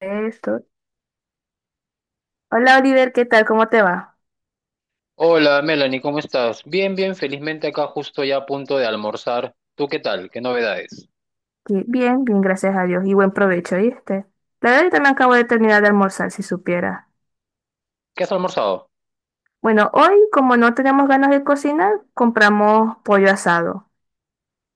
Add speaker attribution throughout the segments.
Speaker 1: Esto. Hola Oliver, ¿qué tal? ¿Cómo te va?
Speaker 2: Hola Melanie, ¿cómo estás? Bien, felizmente acá justo ya a punto de almorzar. ¿Tú qué tal? ¿Qué novedades?
Speaker 1: Sí, bien, bien, gracias a Dios, y buen provecho, ¿viste? La verdad, yo también acabo de terminar de almorzar, si supiera.
Speaker 2: ¿Qué has almorzado?
Speaker 1: Bueno, hoy, como no tenemos ganas de cocinar, compramos pollo asado.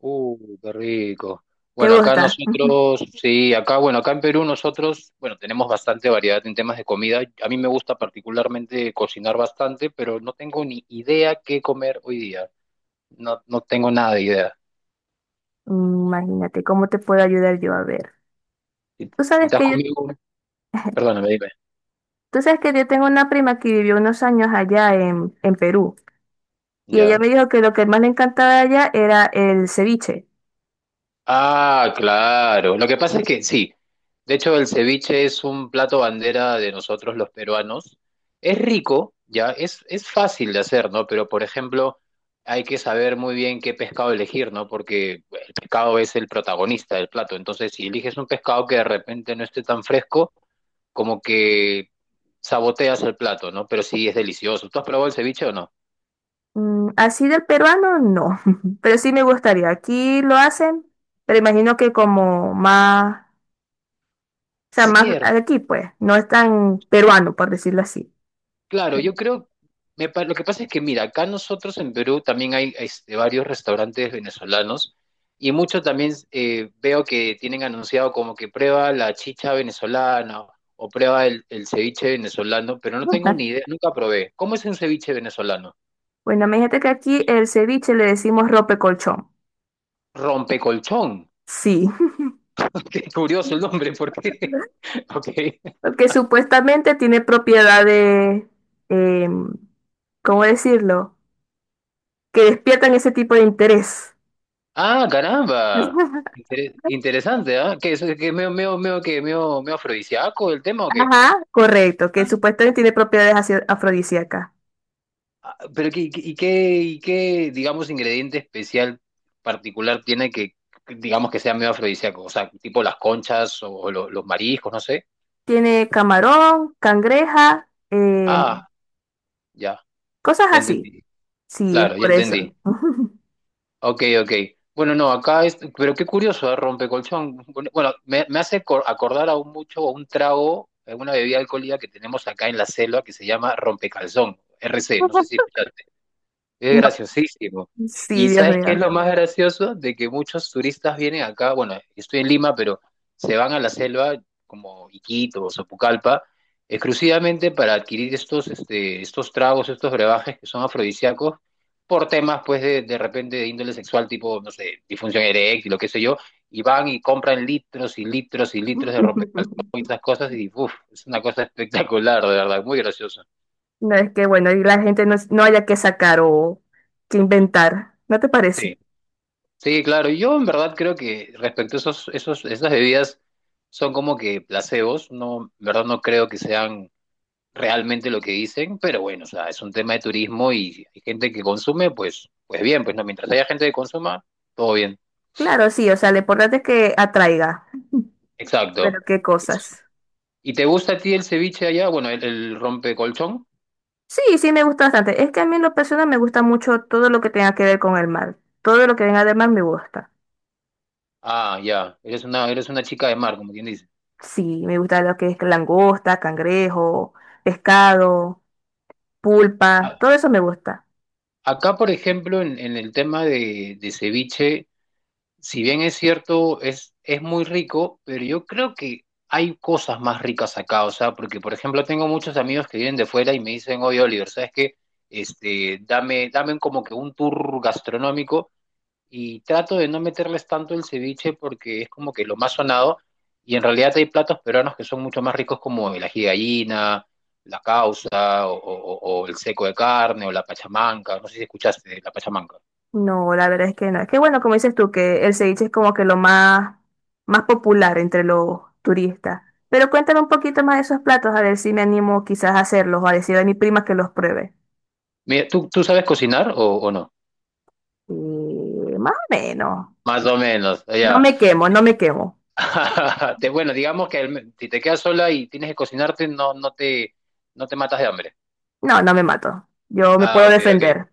Speaker 2: Qué rico.
Speaker 1: ¿Te
Speaker 2: Bueno, acá
Speaker 1: gusta? Ujú.
Speaker 2: nosotros, sí, acá, bueno, acá en Perú nosotros, bueno, tenemos bastante variedad en temas de comida. A mí me gusta particularmente cocinar bastante, pero no tengo ni idea qué comer hoy día. No tengo nada de idea.
Speaker 1: Imagínate, ¿cómo te puedo ayudar yo, a ver?
Speaker 2: Si,
Speaker 1: Tú
Speaker 2: si
Speaker 1: sabes
Speaker 2: estás
Speaker 1: que yo,
Speaker 2: conmigo, perdóname,
Speaker 1: tú sabes que yo tengo una prima que vivió unos años allá en Perú, y ella
Speaker 2: dime.
Speaker 1: me dijo que lo que más le encantaba de allá era el ceviche.
Speaker 2: Ah, claro. Lo que pasa es que sí. De hecho, el ceviche es un plato bandera de nosotros los peruanos. Es rico, ya, es fácil de hacer, ¿no? Pero, por ejemplo, hay que saber muy bien qué pescado elegir, ¿no? Porque el pescado es el protagonista del plato. Entonces, si eliges un pescado que de repente no esté tan fresco, como que saboteas el plato, ¿no? Pero sí es delicioso. ¿Tú has probado el ceviche o no?
Speaker 1: Mm, así del peruano, no, pero sí me gustaría. Aquí lo hacen, pero imagino que como más, o sea, más
Speaker 2: Cierto.
Speaker 1: aquí, pues, no es tan peruano, por decirlo así.
Speaker 2: Claro, yo creo, lo que pasa es que, mira, acá nosotros en Perú también hay este, varios restaurantes venezolanos y muchos también veo que tienen anunciado como que prueba la chicha venezolana o prueba el ceviche venezolano, pero no tengo
Speaker 1: Ajá.
Speaker 2: ni idea, nunca probé. ¿Cómo es un ceviche venezolano?
Speaker 1: Bueno, imagínate que aquí el ceviche le decimos rope colchón.
Speaker 2: Rompecolchón.
Speaker 1: Sí,
Speaker 2: Qué curioso el nombre, ¿por qué? Ok.
Speaker 1: porque supuestamente tiene propiedades, em, ¿cómo decirlo? Que despiertan ese tipo de interés.
Speaker 2: Ah, caramba. Interesante, ¿ah? ¿Qué es? ¿Qué es medio, medio, medio, que medio, medio afrodisíaco el tema o qué?
Speaker 1: Ajá. Correcto, que supuestamente tiene propiedades así afrodisíacas.
Speaker 2: Pero ¿qué, digamos, ingrediente especial particular tiene que, digamos, que sea medio afrodisíaco? O sea, tipo las conchas o los mariscos, no sé.
Speaker 1: Tiene camarón, cangreja,
Speaker 2: Ah, ya,
Speaker 1: cosas
Speaker 2: ya
Speaker 1: así.
Speaker 2: entendí.
Speaker 1: Sí, es
Speaker 2: Claro, ya
Speaker 1: por eso.
Speaker 2: entendí. Ok, ok. Bueno, no, acá es, pero qué curioso, ¿eh? Rompecolchón. Bueno, bueno, me hace acordar aún mucho a un trago, a una bebida alcohólica que tenemos acá en la selva que se llama rompecalzón, RC, no sé si escuchaste. Es
Speaker 1: No,
Speaker 2: graciosísimo.
Speaker 1: sí,
Speaker 2: ¿Y
Speaker 1: Dios
Speaker 2: sabes qué es
Speaker 1: mío.
Speaker 2: lo más gracioso? De que muchos turistas vienen acá, bueno, yo estoy en Lima, pero se van a la selva como Iquitos o Sopucalpa, exclusivamente para adquirir estos tragos, estos brebajes que son afrodisíacos, por temas, pues, de repente de índole sexual, tipo, no sé, disfunción eréctil o qué sé yo, y van y compran litros y litros y litros de rompecalzón y esas cosas, y uff, es una cosa espectacular, de verdad, muy gracioso.
Speaker 1: No, es que, bueno, y la gente, no haya que sacar o que inventar. ¿No te
Speaker 2: Sí.
Speaker 1: parece?
Speaker 2: Sí, claro. Yo en verdad creo que respecto a esas bebidas son como que placebos. No, en verdad no creo que sean realmente lo que dicen, pero bueno, o sea, es un tema de turismo y si hay gente que consume, pues, pues bien, pues no, mientras haya gente que consuma, todo bien.
Speaker 1: Claro, sí, o sea, lo importante es que atraiga.
Speaker 2: Exacto.
Speaker 1: Pero qué cosas.
Speaker 2: ¿Y te gusta a ti el ceviche allá? Bueno, el rompecolchón.
Speaker 1: Sí, sí, me gusta bastante. Es que a mí en lo personal me gusta mucho todo lo que tenga que ver con el mar. Todo lo que venga del mar me gusta.
Speaker 2: Ah, ya. Eres una chica de mar, como quien dice.
Speaker 1: Sí, me gusta lo que es langosta, cangrejo, pescado, pulpa,
Speaker 2: A-
Speaker 1: todo eso me gusta.
Speaker 2: Acá, por ejemplo, en el tema de ceviche, si bien es cierto, es muy rico, pero yo creo que hay cosas más ricas acá, o sea, porque por ejemplo tengo muchos amigos que vienen de fuera y me dicen, oye Oliver, ¿sabes qué? Este, dame como que un tour gastronómico y trato de no meterles tanto el ceviche porque es como que lo más sonado y en realidad hay platos peruanos que son mucho más ricos como el ají de gallina, la causa o el seco de carne o la pachamanca, no sé si escuchaste de la pachamanca.
Speaker 1: No, la verdad es que no. Es que bueno, como dices tú, que el ceviche es como que lo más, más popular entre los turistas. Pero cuéntame un poquito más de esos platos, a ver si me animo quizás a hacerlos o a decir a mi prima que los pruebe.
Speaker 2: Mira, ¿tú sabes cocinar o no?
Speaker 1: Y más o menos.
Speaker 2: Más o menos,
Speaker 1: No
Speaker 2: ya.
Speaker 1: me quemo, no me quemo.
Speaker 2: Bueno, digamos que si te quedas sola y tienes que cocinarte, no te matas de hambre.
Speaker 1: No, no me mato. Yo me
Speaker 2: Ah,
Speaker 1: puedo
Speaker 2: ok, ok.
Speaker 1: defender.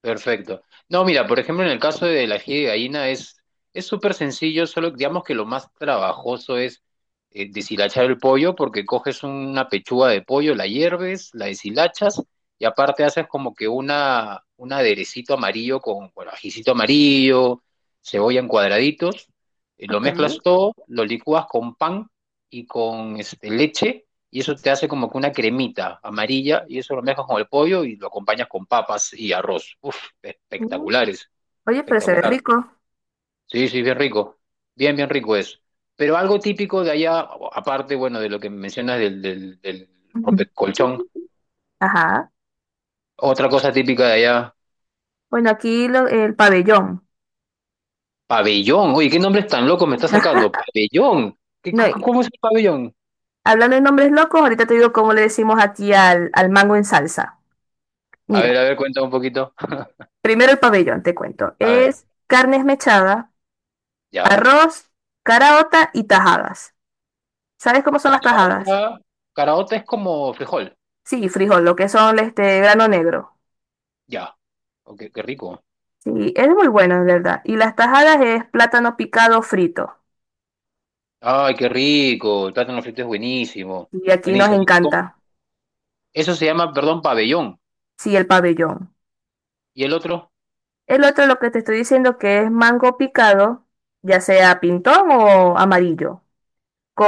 Speaker 2: Perfecto. No, mira, por ejemplo, en el caso del ají de gallina es súper sencillo, solo digamos que lo más trabajoso es deshilachar el pollo, porque coges una pechuga de pollo, la hierves, la deshilachas y aparte haces como que una un aderecito amarillo con, bueno, ajicito amarillo, cebolla en cuadraditos, y lo
Speaker 1: Ok.
Speaker 2: mezclas todo, lo licúas con pan y con este, leche y eso te hace como que una cremita amarilla y eso lo mezclas con el pollo y lo acompañas con papas y arroz. Uf,
Speaker 1: Mm.
Speaker 2: espectaculares,
Speaker 1: Oye, pero se ve
Speaker 2: espectacular.
Speaker 1: rico.
Speaker 2: Sí, sí, bien rico, bien rico es. Pero algo típico de allá, aparte, bueno, de lo que mencionas del rompecolchón,
Speaker 1: Ajá.
Speaker 2: otra cosa típica de allá,
Speaker 1: Bueno, aquí lo- el pabellón.
Speaker 2: pabellón. Oye, ¿qué nombres tan locos me está sacando? Pabellón. ¿Qué,
Speaker 1: No, y
Speaker 2: cómo es el pabellón?
Speaker 1: hablando de nombres locos, ahorita te digo cómo le decimos aquí al mango en salsa. Mira,
Speaker 2: A ver, cuéntame un poquito.
Speaker 1: primero el pabellón, te cuento.
Speaker 2: A ver,
Speaker 1: Es carne esmechada,
Speaker 2: ya.
Speaker 1: arroz, caraota y tajadas. ¿Sabes cómo son las tajadas?
Speaker 2: Caraota, caraota es como frijol.
Speaker 1: Sí, frijol, lo que son este grano negro.
Speaker 2: Ya. Ok, qué rico.
Speaker 1: Sí, es muy bueno, en verdad. Y las tajadas es plátano picado frito.
Speaker 2: Ay, qué rico. El plátano frito es buenísimo.
Speaker 1: Y aquí nos
Speaker 2: Buenísimo. ¿Cómo?
Speaker 1: encanta.
Speaker 2: Eso se llama, perdón, pabellón.
Speaker 1: Sí, el pabellón.
Speaker 2: ¿Y el otro?
Speaker 1: El otro, lo que te estoy diciendo, que es mango picado, ya sea pintón o amarillo,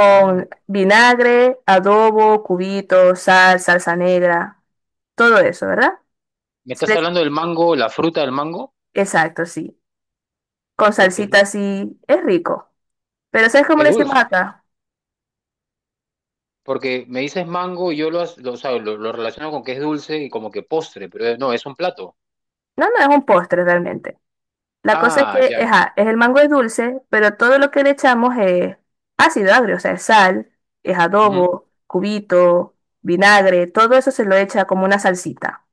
Speaker 2: Mango.
Speaker 1: vinagre, adobo, cubitos, sal, salsa negra, todo eso, ¿verdad?
Speaker 2: ¿Me
Speaker 1: Se le
Speaker 2: estás
Speaker 1: echa-
Speaker 2: hablando del mango, la fruta del mango?
Speaker 1: exacto, sí. Con
Speaker 2: Oye, qué rico.
Speaker 1: salsita así, es rico. Pero ¿sabes cómo
Speaker 2: Es
Speaker 1: le decimos
Speaker 2: dulce.
Speaker 1: acá?
Speaker 2: Porque me dices mango y yo lo, o sea, lo relaciono con que es dulce y como que postre, pero no, es un plato.
Speaker 1: No, no, es un postre realmente. La cosa es
Speaker 2: Ah,
Speaker 1: que,
Speaker 2: ya.
Speaker 1: ajá, es, el mango es dulce, pero todo lo que le echamos es ácido agrio, o sea, es sal, es
Speaker 2: Ujú.
Speaker 1: adobo, cubito, vinagre, todo eso se lo echa como una salsita.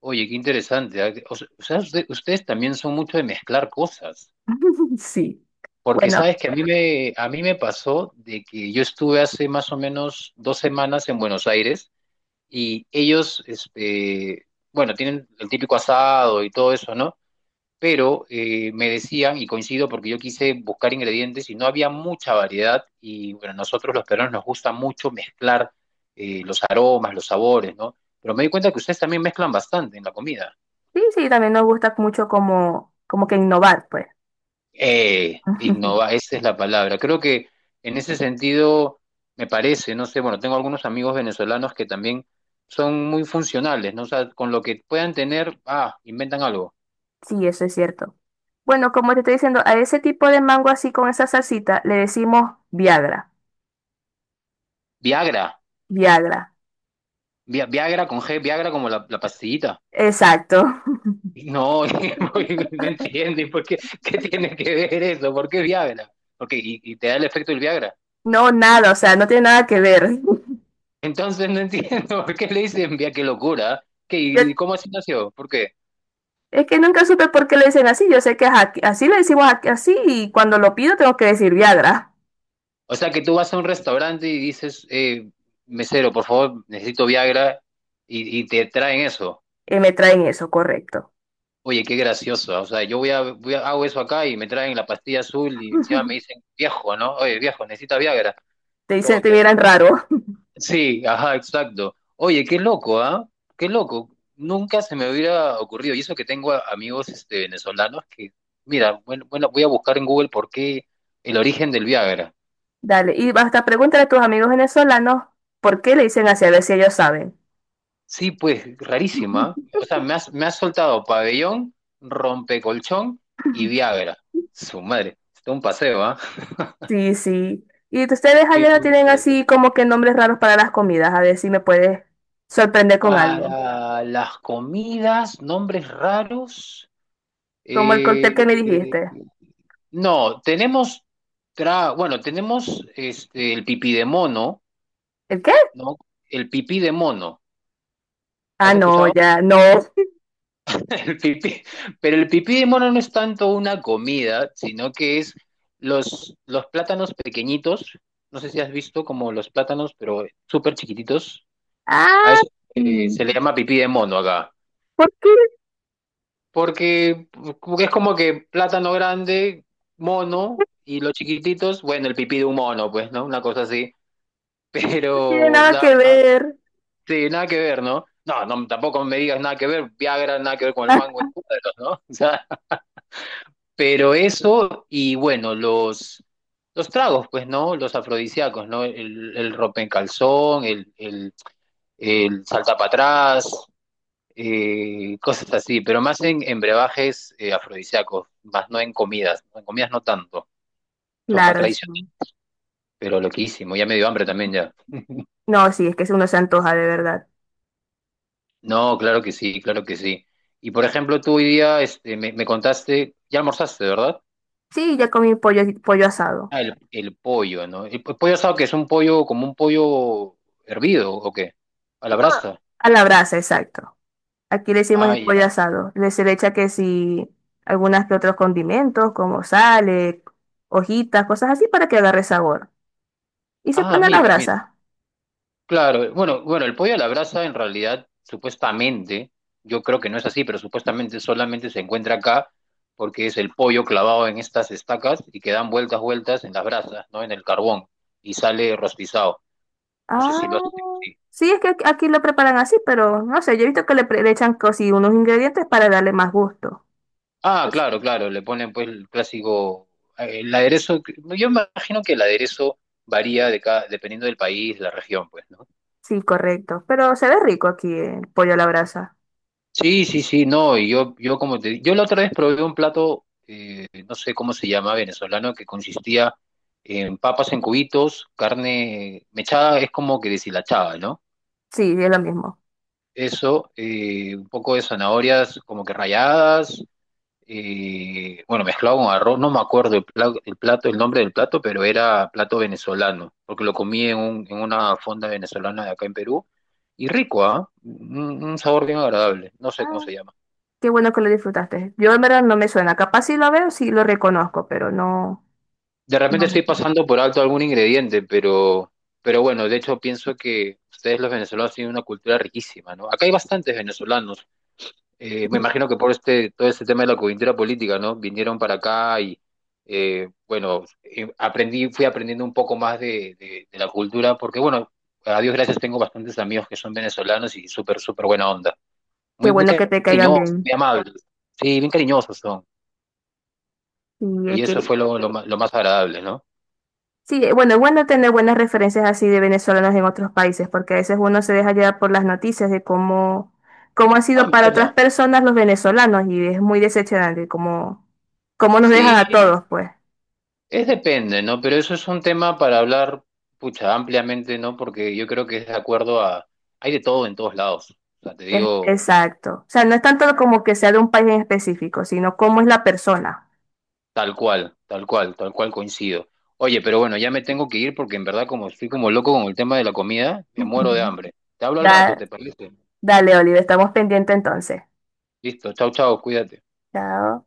Speaker 2: Oye, qué interesante. O sea, ustedes también son mucho de mezclar cosas.
Speaker 1: Sí.
Speaker 2: Porque
Speaker 1: Bueno,
Speaker 2: sabes que a mí me pasó de que yo estuve hace más o menos dos semanas en Buenos Aires y ellos, este, bueno, tienen el típico asado y todo eso, ¿no? Pero me decían, y coincido porque yo quise buscar ingredientes y no había mucha variedad, y bueno, nosotros los peruanos nos gusta mucho mezclar los aromas, los sabores, ¿no? Pero me di cuenta que ustedes también mezclan bastante en la comida.
Speaker 1: sí, sí, también nos gusta mucho como, como que innovar, pues.
Speaker 2: Innova, esa es la palabra. Creo que en ese sentido me parece, no sé, bueno, tengo algunos amigos venezolanos que también son muy funcionales, ¿no? O sea, con lo que puedan tener, ah, inventan algo.
Speaker 1: Sí, eso es cierto. Bueno, como te estoy diciendo, a ese tipo de mango así con esa salsita le decimos Viagra.
Speaker 2: Viagra,
Speaker 1: Viagra.
Speaker 2: Viagra con G, Viagra como la pastillita.
Speaker 1: Exacto.
Speaker 2: No, no entienden por qué, qué tiene que ver eso, por qué Viagra, porque y te da el efecto del Viagra.
Speaker 1: No, nada, o sea, no tiene nada que ver.
Speaker 2: Entonces no entiendo por qué le dicen Viagra, qué locura, ¿Qué,
Speaker 1: Yo-
Speaker 2: y cómo así nació, ¿por qué?
Speaker 1: es que nunca supe por qué le dicen así. Yo sé que es aquí- así le decimos aquí- así, y cuando lo pido tengo que decir Viagra.
Speaker 2: O sea que tú vas a un restaurante y dices, mesero, por favor, necesito Viagra y te traen eso.
Speaker 1: Y me traen eso, correcto.
Speaker 2: Oye, qué gracioso. O sea, yo hago eso acá y me traen la pastilla azul y encima me dicen, viejo, ¿no? Oye, viejo, necesita Viagra.
Speaker 1: Te
Speaker 2: ¿Cómo
Speaker 1: dicen, te
Speaker 2: que?
Speaker 1: miran raro.
Speaker 2: Sí, ajá, exacto. Oye, qué loco, ¿ah? Qué loco. Nunca se me hubiera ocurrido. Y eso que tengo amigos este, venezolanos que, mira, bueno, bueno, voy a buscar en Google por qué el origen del Viagra.
Speaker 1: Dale, y hasta pregúntale a tus amigos venezolanos por qué le dicen así, a ver si ellos saben.
Speaker 2: Sí, pues rarísima. O sea, me has soltado pabellón, rompecolchón y Viagra. Su madre, está un paseo, ¿ah?
Speaker 1: Sí, sí. Y ustedes
Speaker 2: Muy,
Speaker 1: allá no
Speaker 2: muy
Speaker 1: tienen así
Speaker 2: interesante.
Speaker 1: como que nombres raros para las comidas, a ver si me puedes sorprender con algo.
Speaker 2: Para las comidas, nombres raros.
Speaker 1: Como el cóctel
Speaker 2: Eh,
Speaker 1: que me dijiste.
Speaker 2: no, tenemos, bueno, tenemos este, el pipí de mono,
Speaker 1: ¿El qué?
Speaker 2: ¿no? El pipí de mono.
Speaker 1: Ah,
Speaker 2: ¿Has
Speaker 1: no,
Speaker 2: escuchado?
Speaker 1: ya, no.
Speaker 2: El pipí, pero el pipí de mono no es tanto una comida, sino que es los plátanos pequeñitos, no sé si has visto como los plátanos, pero súper chiquititos, a
Speaker 1: Ah,
Speaker 2: eso
Speaker 1: sí.
Speaker 2: se le llama pipí de mono acá,
Speaker 1: ¿Por qué
Speaker 2: porque, porque es como que plátano grande, mono, y los chiquititos, bueno, el pipí de un mono, pues, ¿no? Una cosa así,
Speaker 1: no tiene
Speaker 2: pero, o
Speaker 1: nada
Speaker 2: sea,
Speaker 1: que ver?
Speaker 2: sí, nada que ver, ¿no? No, no, tampoco me digas nada que ver, Viagra, nada que ver con el
Speaker 1: Ah,
Speaker 2: mango en cuadros, ¿no? Pero eso, y bueno, los tragos, pues, ¿no? Los afrodisíacos, ¿no? El ropa en el, el, el salta para atrás, cosas así, pero más en brebajes afrodisíacos, más no en comidas. ¿No? En comidas no tanto, eso es más
Speaker 1: claro, sí.
Speaker 2: tradicional, pero loquísimo, ya me dio hambre también ya.
Speaker 1: No, sí, es que uno se antoja de verdad.
Speaker 2: No, claro que sí, claro que sí. Y por ejemplo, tú hoy día este, me contaste, ya almorzaste, ¿verdad?
Speaker 1: Sí, ya comí pollo, pollo asado.
Speaker 2: Ah, el pollo, ¿no? El, pollo asado que es un pollo como un pollo hervido ¿o qué? A la
Speaker 1: Ah,
Speaker 2: brasa.
Speaker 1: a la brasa, exacto. Aquí le decimos
Speaker 2: Ah,
Speaker 1: es pollo
Speaker 2: ya.
Speaker 1: asado. Le se le echa que si algunas que otros condimentos, como sal, hojitas, cosas así para que agarre sabor. Y se
Speaker 2: Ah,
Speaker 1: pone a la
Speaker 2: mira, mira.
Speaker 1: brasa.
Speaker 2: Claro, bueno, bueno, el pollo a la brasa en realidad supuestamente, yo creo que no es así, pero supuestamente solamente se encuentra acá porque es el pollo clavado en estas estacas y que dan vueltas, vueltas en las brasas, ¿no? En el carbón y sale rostizado. No sé
Speaker 1: Ah,
Speaker 2: si lo hacen.
Speaker 1: sí, es que aquí lo preparan así, pero no sé, yo he visto que le, pre- le echan cosí unos ingredientes para darle más gusto.
Speaker 2: Ah,
Speaker 1: Pues,
Speaker 2: claro, claro, le ponen pues el clásico, el aderezo, yo imagino que el aderezo varía de cada, dependiendo del país, la región, pues, ¿no?
Speaker 1: sí, correcto. Pero se ve rico aquí el pollo a la brasa.
Speaker 2: Sí, sí, sí, no, yo como te, yo la otra vez probé un plato, no sé cómo se llama, venezolano, que consistía en papas en cubitos, carne mechada, es como que deshilachada, ¿no?
Speaker 1: Sí, es lo mismo.
Speaker 2: Eso, un poco de zanahorias como que ralladas, bueno, mezclado con arroz, no me acuerdo el el plato, el nombre del plato, pero era plato venezolano, porque lo comí en, en una fonda venezolana de acá en Perú, y rico, ¿ah? Un sabor bien agradable, no sé cómo
Speaker 1: Ah,
Speaker 2: se llama.
Speaker 1: qué bueno que lo disfrutaste. Yo en verdad no me suena. Capaz si lo veo, sí lo reconozco, pero no.
Speaker 2: De
Speaker 1: No
Speaker 2: repente
Speaker 1: me
Speaker 2: estoy
Speaker 1: suena.
Speaker 2: pasando por alto algún ingrediente, pero bueno, de hecho pienso que ustedes los venezolanos tienen una cultura riquísima, ¿no? Acá hay bastantes venezolanos, me imagino que por este, todo este tema de la coyuntura política, ¿no? Vinieron para acá y, bueno, aprendí, fui aprendiendo un poco más de la cultura, porque, bueno, a Dios gracias tengo bastantes amigos que son venezolanos y súper, súper buena onda.
Speaker 1: Qué
Speaker 2: Muy, muy
Speaker 1: bueno que te caigan
Speaker 2: cariñosos,
Speaker 1: bien.
Speaker 2: muy amables. Sí, bien cariñosos son.
Speaker 1: Y
Speaker 2: Y
Speaker 1: es que,
Speaker 2: eso fue lo más agradable, ¿no?
Speaker 1: sí, bueno, es bueno tener buenas referencias así de venezolanos en otros países, porque a veces uno se deja llevar por las noticias de cómo, cómo han
Speaker 2: Ah,
Speaker 1: sido para
Speaker 2: mira.
Speaker 1: otras personas los venezolanos y es muy decepcionante cómo, cómo nos dejan a
Speaker 2: Sí,
Speaker 1: todos, pues.
Speaker 2: es depende, ¿no? Pero eso es un tema para hablar, pucha, ampliamente, ¿no? Porque yo creo que es de acuerdo a... Hay de todo en todos lados. O sea, te
Speaker 1: Es-
Speaker 2: digo...
Speaker 1: exacto. O sea, no es tanto como que sea de un país en específico, sino cómo es la persona.
Speaker 2: Tal cual, coincido. Oye, pero bueno, ya me tengo que ir porque en verdad como estoy como loco con el tema de la comida, me muero
Speaker 1: Ujú.
Speaker 2: de hambre. Te hablo al rato,
Speaker 1: Da-
Speaker 2: ¿te parece?
Speaker 1: dale, Oliver, estamos pendientes entonces.
Speaker 2: Listo, chao, chao, cuídate.
Speaker 1: Chao.